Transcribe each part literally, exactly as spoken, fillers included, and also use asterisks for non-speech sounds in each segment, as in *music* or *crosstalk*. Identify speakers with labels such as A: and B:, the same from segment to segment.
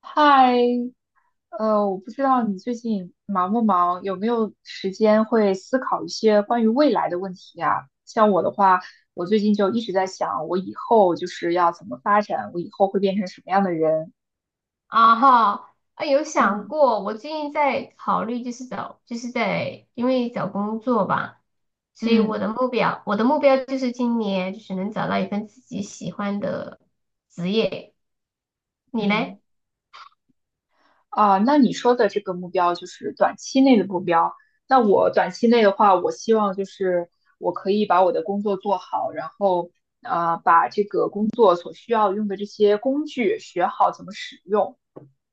A: 嗨，呃，我不知道你最近忙不忙，有没有时间会思考一些关于未来的问题啊？像我的话，我最近就一直在想，我以后就是要怎么发展，我以后会变成什么样的人？
B: 啊哈，啊有想
A: 嗯
B: 过。我最近在考虑，就是找，就是在因为找工作吧，所以
A: 嗯
B: 我的目标，我的目标就是今年就是能找到一份自己喜欢的职业。你
A: 嗯，
B: 嘞？
A: 啊，那你说的这个目标就是短期内的目标。那我短期内的话，我希望就是我可以把我的工作做好，然后啊，把这个工作所需要用的这些工具学好怎么使用，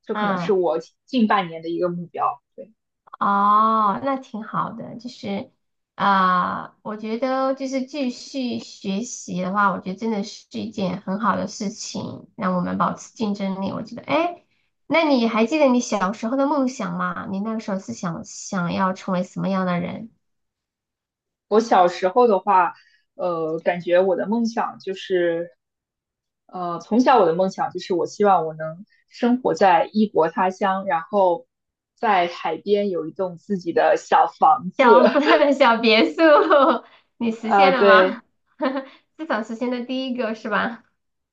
A: 这可能是
B: 嗯。
A: 我近半年的一个目标。对，
B: 哦，那挺好的。就是啊、我觉得就是继续学习的话，我觉得真的是一件很好的事情，让我们保持竞争力。我觉得，哎，那你还记得你小时候的梦想吗？你那个时候是想想要成为什么样的人？
A: 我小时候的话，呃，感觉我的梦想就是呃，从小我的梦想就是我希望我能生活在异国他乡，然后在海边有一栋自己的小房子。
B: 小 *laughs* 小别墅，*laughs* 你
A: *laughs*
B: 实
A: 呃，
B: 现了
A: 对，
B: 吗？*laughs* 至少实现了第一个是吧？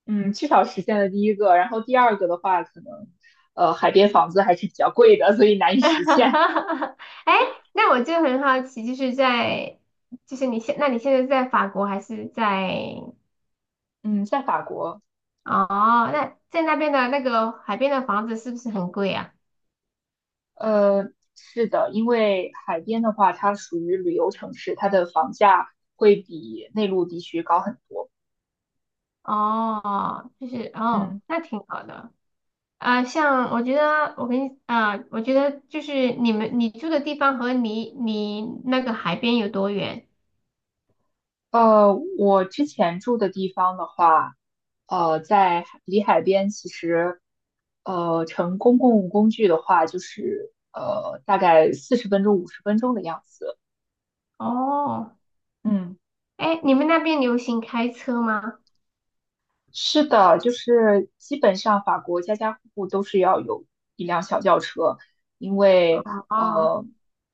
A: 嗯，至少实现了第一个，然后第二个的话，可能呃海边房子还是比较贵的，所以难
B: *laughs*
A: 以
B: 哈
A: 实现。
B: 哈哈！哎，那我就很好奇，就是在，就是你现，那你现在是在法国还是在？
A: 嗯，在法国，
B: 哦，那在那边的那个海边的房子是不是很贵啊？
A: 呃，是的，因为海边的话，它属于旅游城市，它的房价会比内陆地区高很多。
B: 哦，就是哦，
A: 嗯。
B: 那挺好的。啊、像我觉得，我跟你啊、我觉得就是你们你住的地方和你你那个海边有多远？
A: 呃，我之前住的地方的话，呃，在海离海边，其实，呃，乘公共工具的话，就是呃，大概四十分钟、五十分钟的样子。
B: 哦，
A: 嗯，
B: 哎，你们那边流行开车吗？
A: 是的，就是基本上法国家家户户都是要有一辆小轿车，因为
B: 哦，
A: 呃，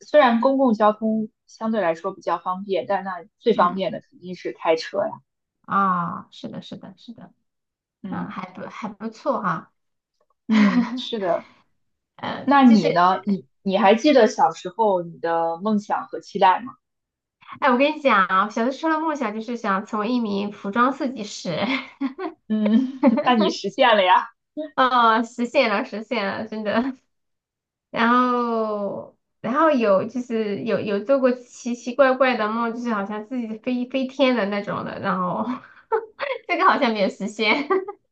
A: 虽然公共交通相对来说比较方便，但那最方
B: 嗯，
A: 便的肯定是开车呀。
B: 啊、是的，是的，是的。嗯，
A: 嗯
B: 还不还不错哈、
A: 嗯，
B: *laughs*
A: 是的。
B: 呃，
A: 那
B: 就
A: 你
B: 是，
A: 呢？你你还记得小时候你的梦想和期待吗？
B: 哎，我跟你讲啊，小的时候的梦想就是想成为一名服装设计师。
A: 嗯，*laughs* 那
B: *laughs*
A: 你实现了呀？
B: 哦，实现了，实现了，真的。*laughs* 然后，然后有就是有有做过奇奇怪怪的梦，就是好像自己飞飞天的那种的，然后 *laughs* 这个好像没有实现。*laughs*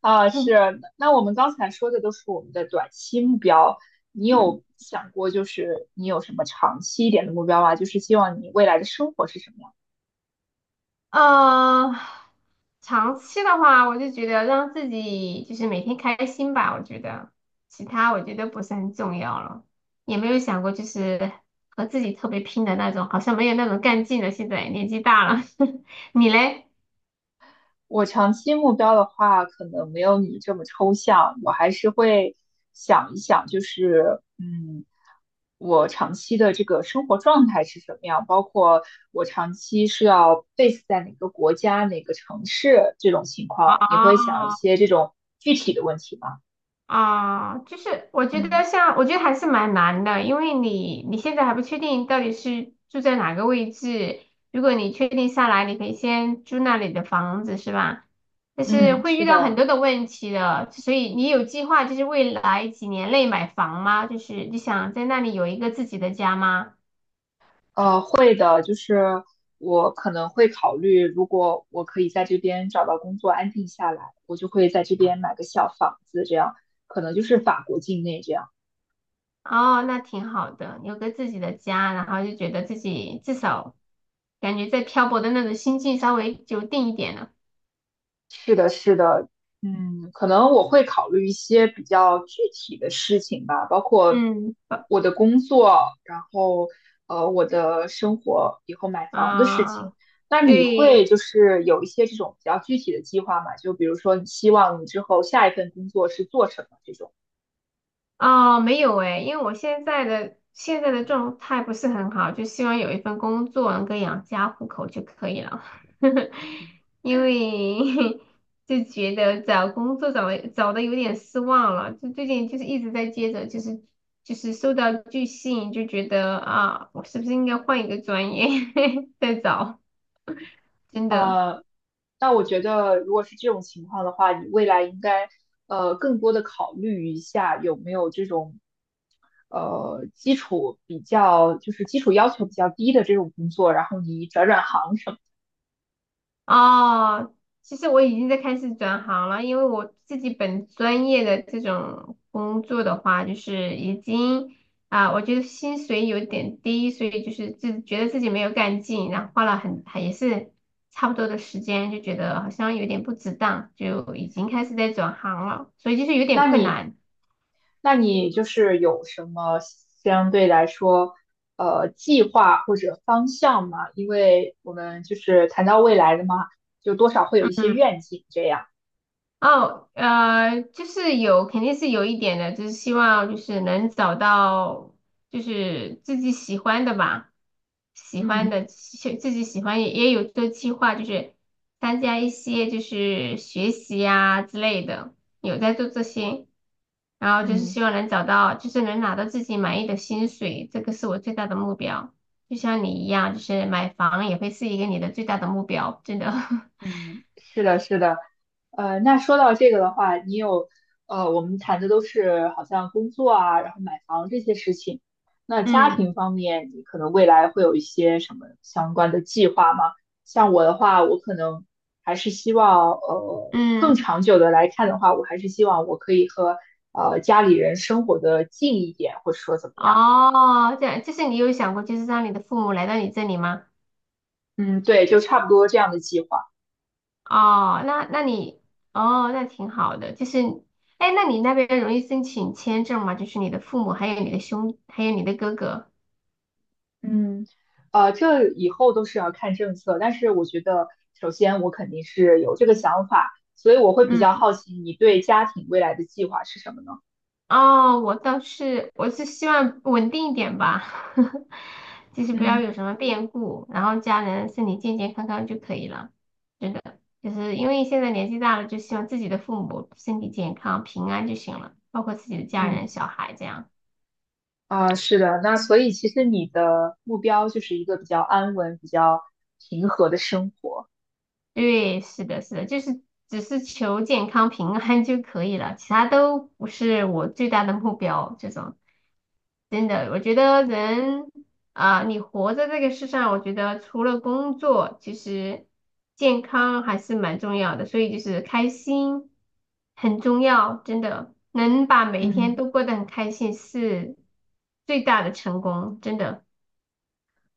A: 啊，
B: 嗯
A: 是。那我们刚才说的都是我们的短期目标，你有想过就是你有什么长期一点的目标吗？就是希望你未来的生活是什么样？
B: 呃，长期的话，我就觉得让自己就是每天开心吧，我觉得其他我觉得不是很重要了，也没有想过就是和自己特别拼的那种，好像没有那种干劲了。现在年纪大了。*laughs* 你嘞？
A: 我长期目标的话，可能没有你这么抽象，我还是会想一想，就是嗯，我长期的这个生活状态是什么样，包括我长期是要 base 在哪个国家、哪个城市这种情况，你会想一
B: 哦，
A: 些这种具体的问题吗？
B: 啊，就是我觉
A: 嗯
B: 得像，我觉得还是蛮难的，因为你你现在还不确定到底是住在哪个位置。如果你确定下来，你可以先租那里的房子，是吧？但是
A: 嗯。嗯，
B: 会
A: 是
B: 遇到很
A: 的。
B: 多的问题的，所以你有计划就是未来几年内买房吗？就是你想在那里有一个自己的家吗？
A: 呃，会的，就是我可能会考虑，如果我可以在这边找到工作，安定下来，我就会在这边买个小房子，这样可能就是法国境内这样。
B: 哦，那挺好的，有个自己的家，然后就觉得自己至少感觉在漂泊的那种心境稍微就定一点了。
A: 是的，是的，嗯，可能我会考虑一些比较具体的事情吧，包括
B: 嗯
A: 我的工作，然后呃我的生活，以后买房的事
B: 啊。
A: 情。那你会
B: 对。
A: 就是有一些这种比较具体的计划吗？就比如说你希望你之后下一份工作是做什么这种。
B: 哦，没有诶，因为我现在的现在的状态不是很好，就希望有一份工作能够养家糊口就可以了。*laughs* 因为 *laughs* 就觉得找工作找的找的有点失望了，就最近就是一直在接着，就是就是受到拒信，就觉得啊，我是不是应该换一个专业 *laughs* 再找？真的。
A: 呃，那我觉得，如果是这种情况的话，你未来应该呃更多的考虑一下有没有这种呃基础比较，就是基础要求比较低的这种工作，然后你转转行什么。
B: 哦，其实我已经在开始转行了，因为我自己本专业的这种工作的话，就是已经啊、我觉得薪水有点低，所以就是自觉得自己没有干劲，然后花了很还也是差不多的时间，就觉得好像有点不值当，就已经开始在转行了，所以就是有点
A: 那
B: 困
A: 你
B: 难。
A: 那你就是有什么相对来说呃计划或者方向吗？因为我们就是谈到未来的嘛，就多少会有一些
B: 嗯。
A: 愿景这样。
B: 哦，呃，就是有，肯定是有一点的，就是希望就是能找到就是自己喜欢的吧，喜欢
A: 嗯。
B: 的，喜自己喜欢也也有做计划，就是参加一些就是学习呀、之类的，有在做这些，然后就是
A: 嗯。
B: 希望能找到，就是能拿到自己满意的薪水，这个是我最大的目标。就像你一样，就是买房也会是一个你的最大的目标，真的。*laughs*
A: 嗯，是的，是的，呃，那说到这个的话，你有，呃，我们谈的都是好像工作啊，然后买房这些事情。那家
B: 嗯
A: 庭方面，你可能未来会有一些什么相关的计划吗？像我的话，我可能还是希望，呃，更
B: 嗯。
A: 长久的来看的话，我还是希望我可以和呃家里人生活的近一点，或者说怎么样。
B: 哦，这样就是你有想过，就是让你的父母来到你这里吗？
A: 嗯，对，就差不多这样的计划。
B: 哦，那那你哦，那挺好的。就是，哎，那你那边容易申请签证吗？就是你的父母，还有你的兄，还有你的哥哥。
A: 嗯，呃，这以后都是要看政策，但是我觉得，首先我肯定是有这个想法，所以我会比较
B: 嗯。
A: 好奇你对家庭未来的计划是什么呢？
B: 哦，我倒是，我是希望稳定一点吧，*laughs* 就是不要
A: 嗯
B: 有什么变故，然后家人身体健健康康就可以了。是的，就是因为现在年纪大了，就希望自己的父母身体健康、平安就行了，包括自己的家人、
A: 嗯，
B: 小孩这样。
A: 啊，是的，那所以其实你的目标就是一个比较安稳、比较平和的生活。
B: 对，是的，是的，就是只是求健康平安就可以了，其他都不是我最大的目标。这种真的，我觉得人啊，你活在这个世上，我觉得除了工作，其实健康还是蛮重要的，所以就是开心很重要，真的能把每一天
A: 嗯。
B: 都过得很开心是最大的成功，真的。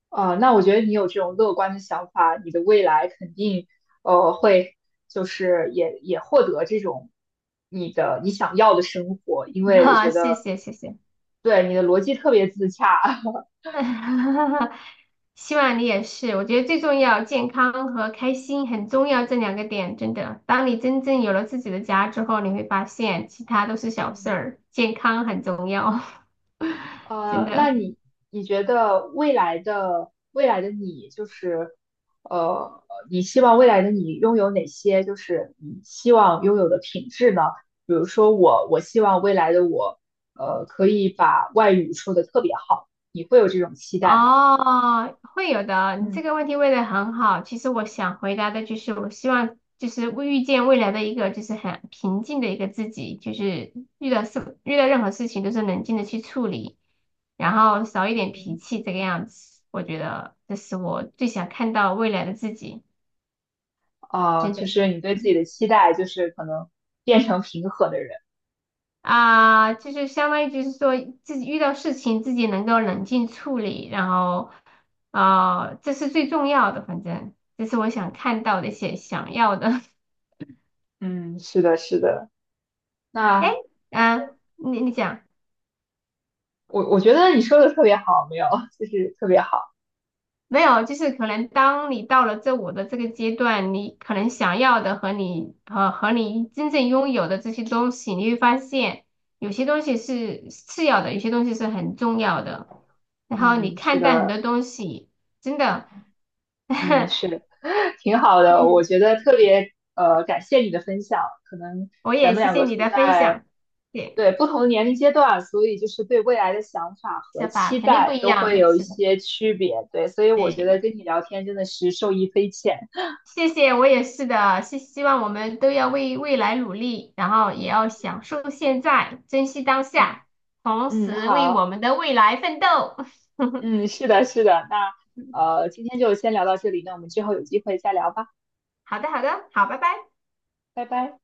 A: 啊、那我觉得你有这种乐观的想法，你的未来肯定呃会就是也也获得这种你的你想要的生活，因
B: *laughs*
A: 为我
B: 啊，
A: 觉
B: 谢
A: 得
B: 谢，谢谢。
A: 对你的逻辑特别自洽。*laughs*
B: *laughs* 希望你也是。我觉得最重要，健康和开心很重要，这两个点真的。当你真正有了自己的家之后，你会发现其他都是小事
A: 嗯。
B: 儿，健康很重要。*laughs* 真
A: 呃，那
B: 的。
A: 你你觉得未来的未来的你，就是呃，你希望未来的你拥有哪些，就是你希望拥有的品质呢？比如说我，我希望未来的我，呃，可以把外语说得特别好，你会有这种期待吗？
B: 哦，会有的。你
A: 嗯
B: 这个问题问的很好。其实我想回答的就是，我希望就是未遇见未来的一个就是很平静的一个自己，就是遇到事遇到任何事情都是冷静的去处理，然后少一点
A: 嗯，
B: 脾气这个样子。我觉得这是我最想看到未来的自己，
A: 啊，
B: 真
A: 就
B: 的。
A: 是你对自己的期待，就是可能变成平和的人。
B: 啊，就是相当于就是说自己遇到事情自己能够冷静处理，然后啊，这是最重要的，反正这是我想看到的一些想要的。
A: 嗯，是的，是的。
B: *laughs* 哎，
A: 那
B: 嗯，你你讲
A: 我我觉得你说的特别好，没有，*laughs* 就是特别好。
B: 没有？就是可能当你到了这我的这个阶段，你可能想要的和你和和你真正拥有的这些东西，你会发现有些东西是次要的，有些东西是很重要的。然后你
A: 嗯，是
B: 看待很多
A: 的。
B: 东西，真的。*laughs*
A: 嗯，是 *laughs* 挺好的，我
B: 你
A: 觉得特别呃感谢你的分享。可能
B: 我
A: 咱
B: 也
A: 们
B: 谢
A: 两
B: 谢
A: 个
B: 你
A: 处
B: 的分
A: 在
B: 享，对，
A: 对不同的年龄阶段，所以就是对未来的想法和
B: 想法
A: 期
B: 肯定不
A: 待
B: 一
A: 都
B: 样
A: 会
B: 的，
A: 有一
B: 是的，
A: 些区别。对，所以我觉得
B: 对，
A: 跟你聊天真的是受益匪浅。
B: 谢谢，我也是的，是希望我们都要为未来努力，然后也要享受现在，珍惜当
A: 嗯
B: 下，同
A: 嗯，
B: 时为我
A: 好，
B: 们的未来奋斗。
A: 嗯，是的，是的。那
B: *laughs*
A: 呃，今天就先聊到这里，那我们之后有机会再聊吧，
B: 好的，好的，好，拜拜。
A: 拜拜。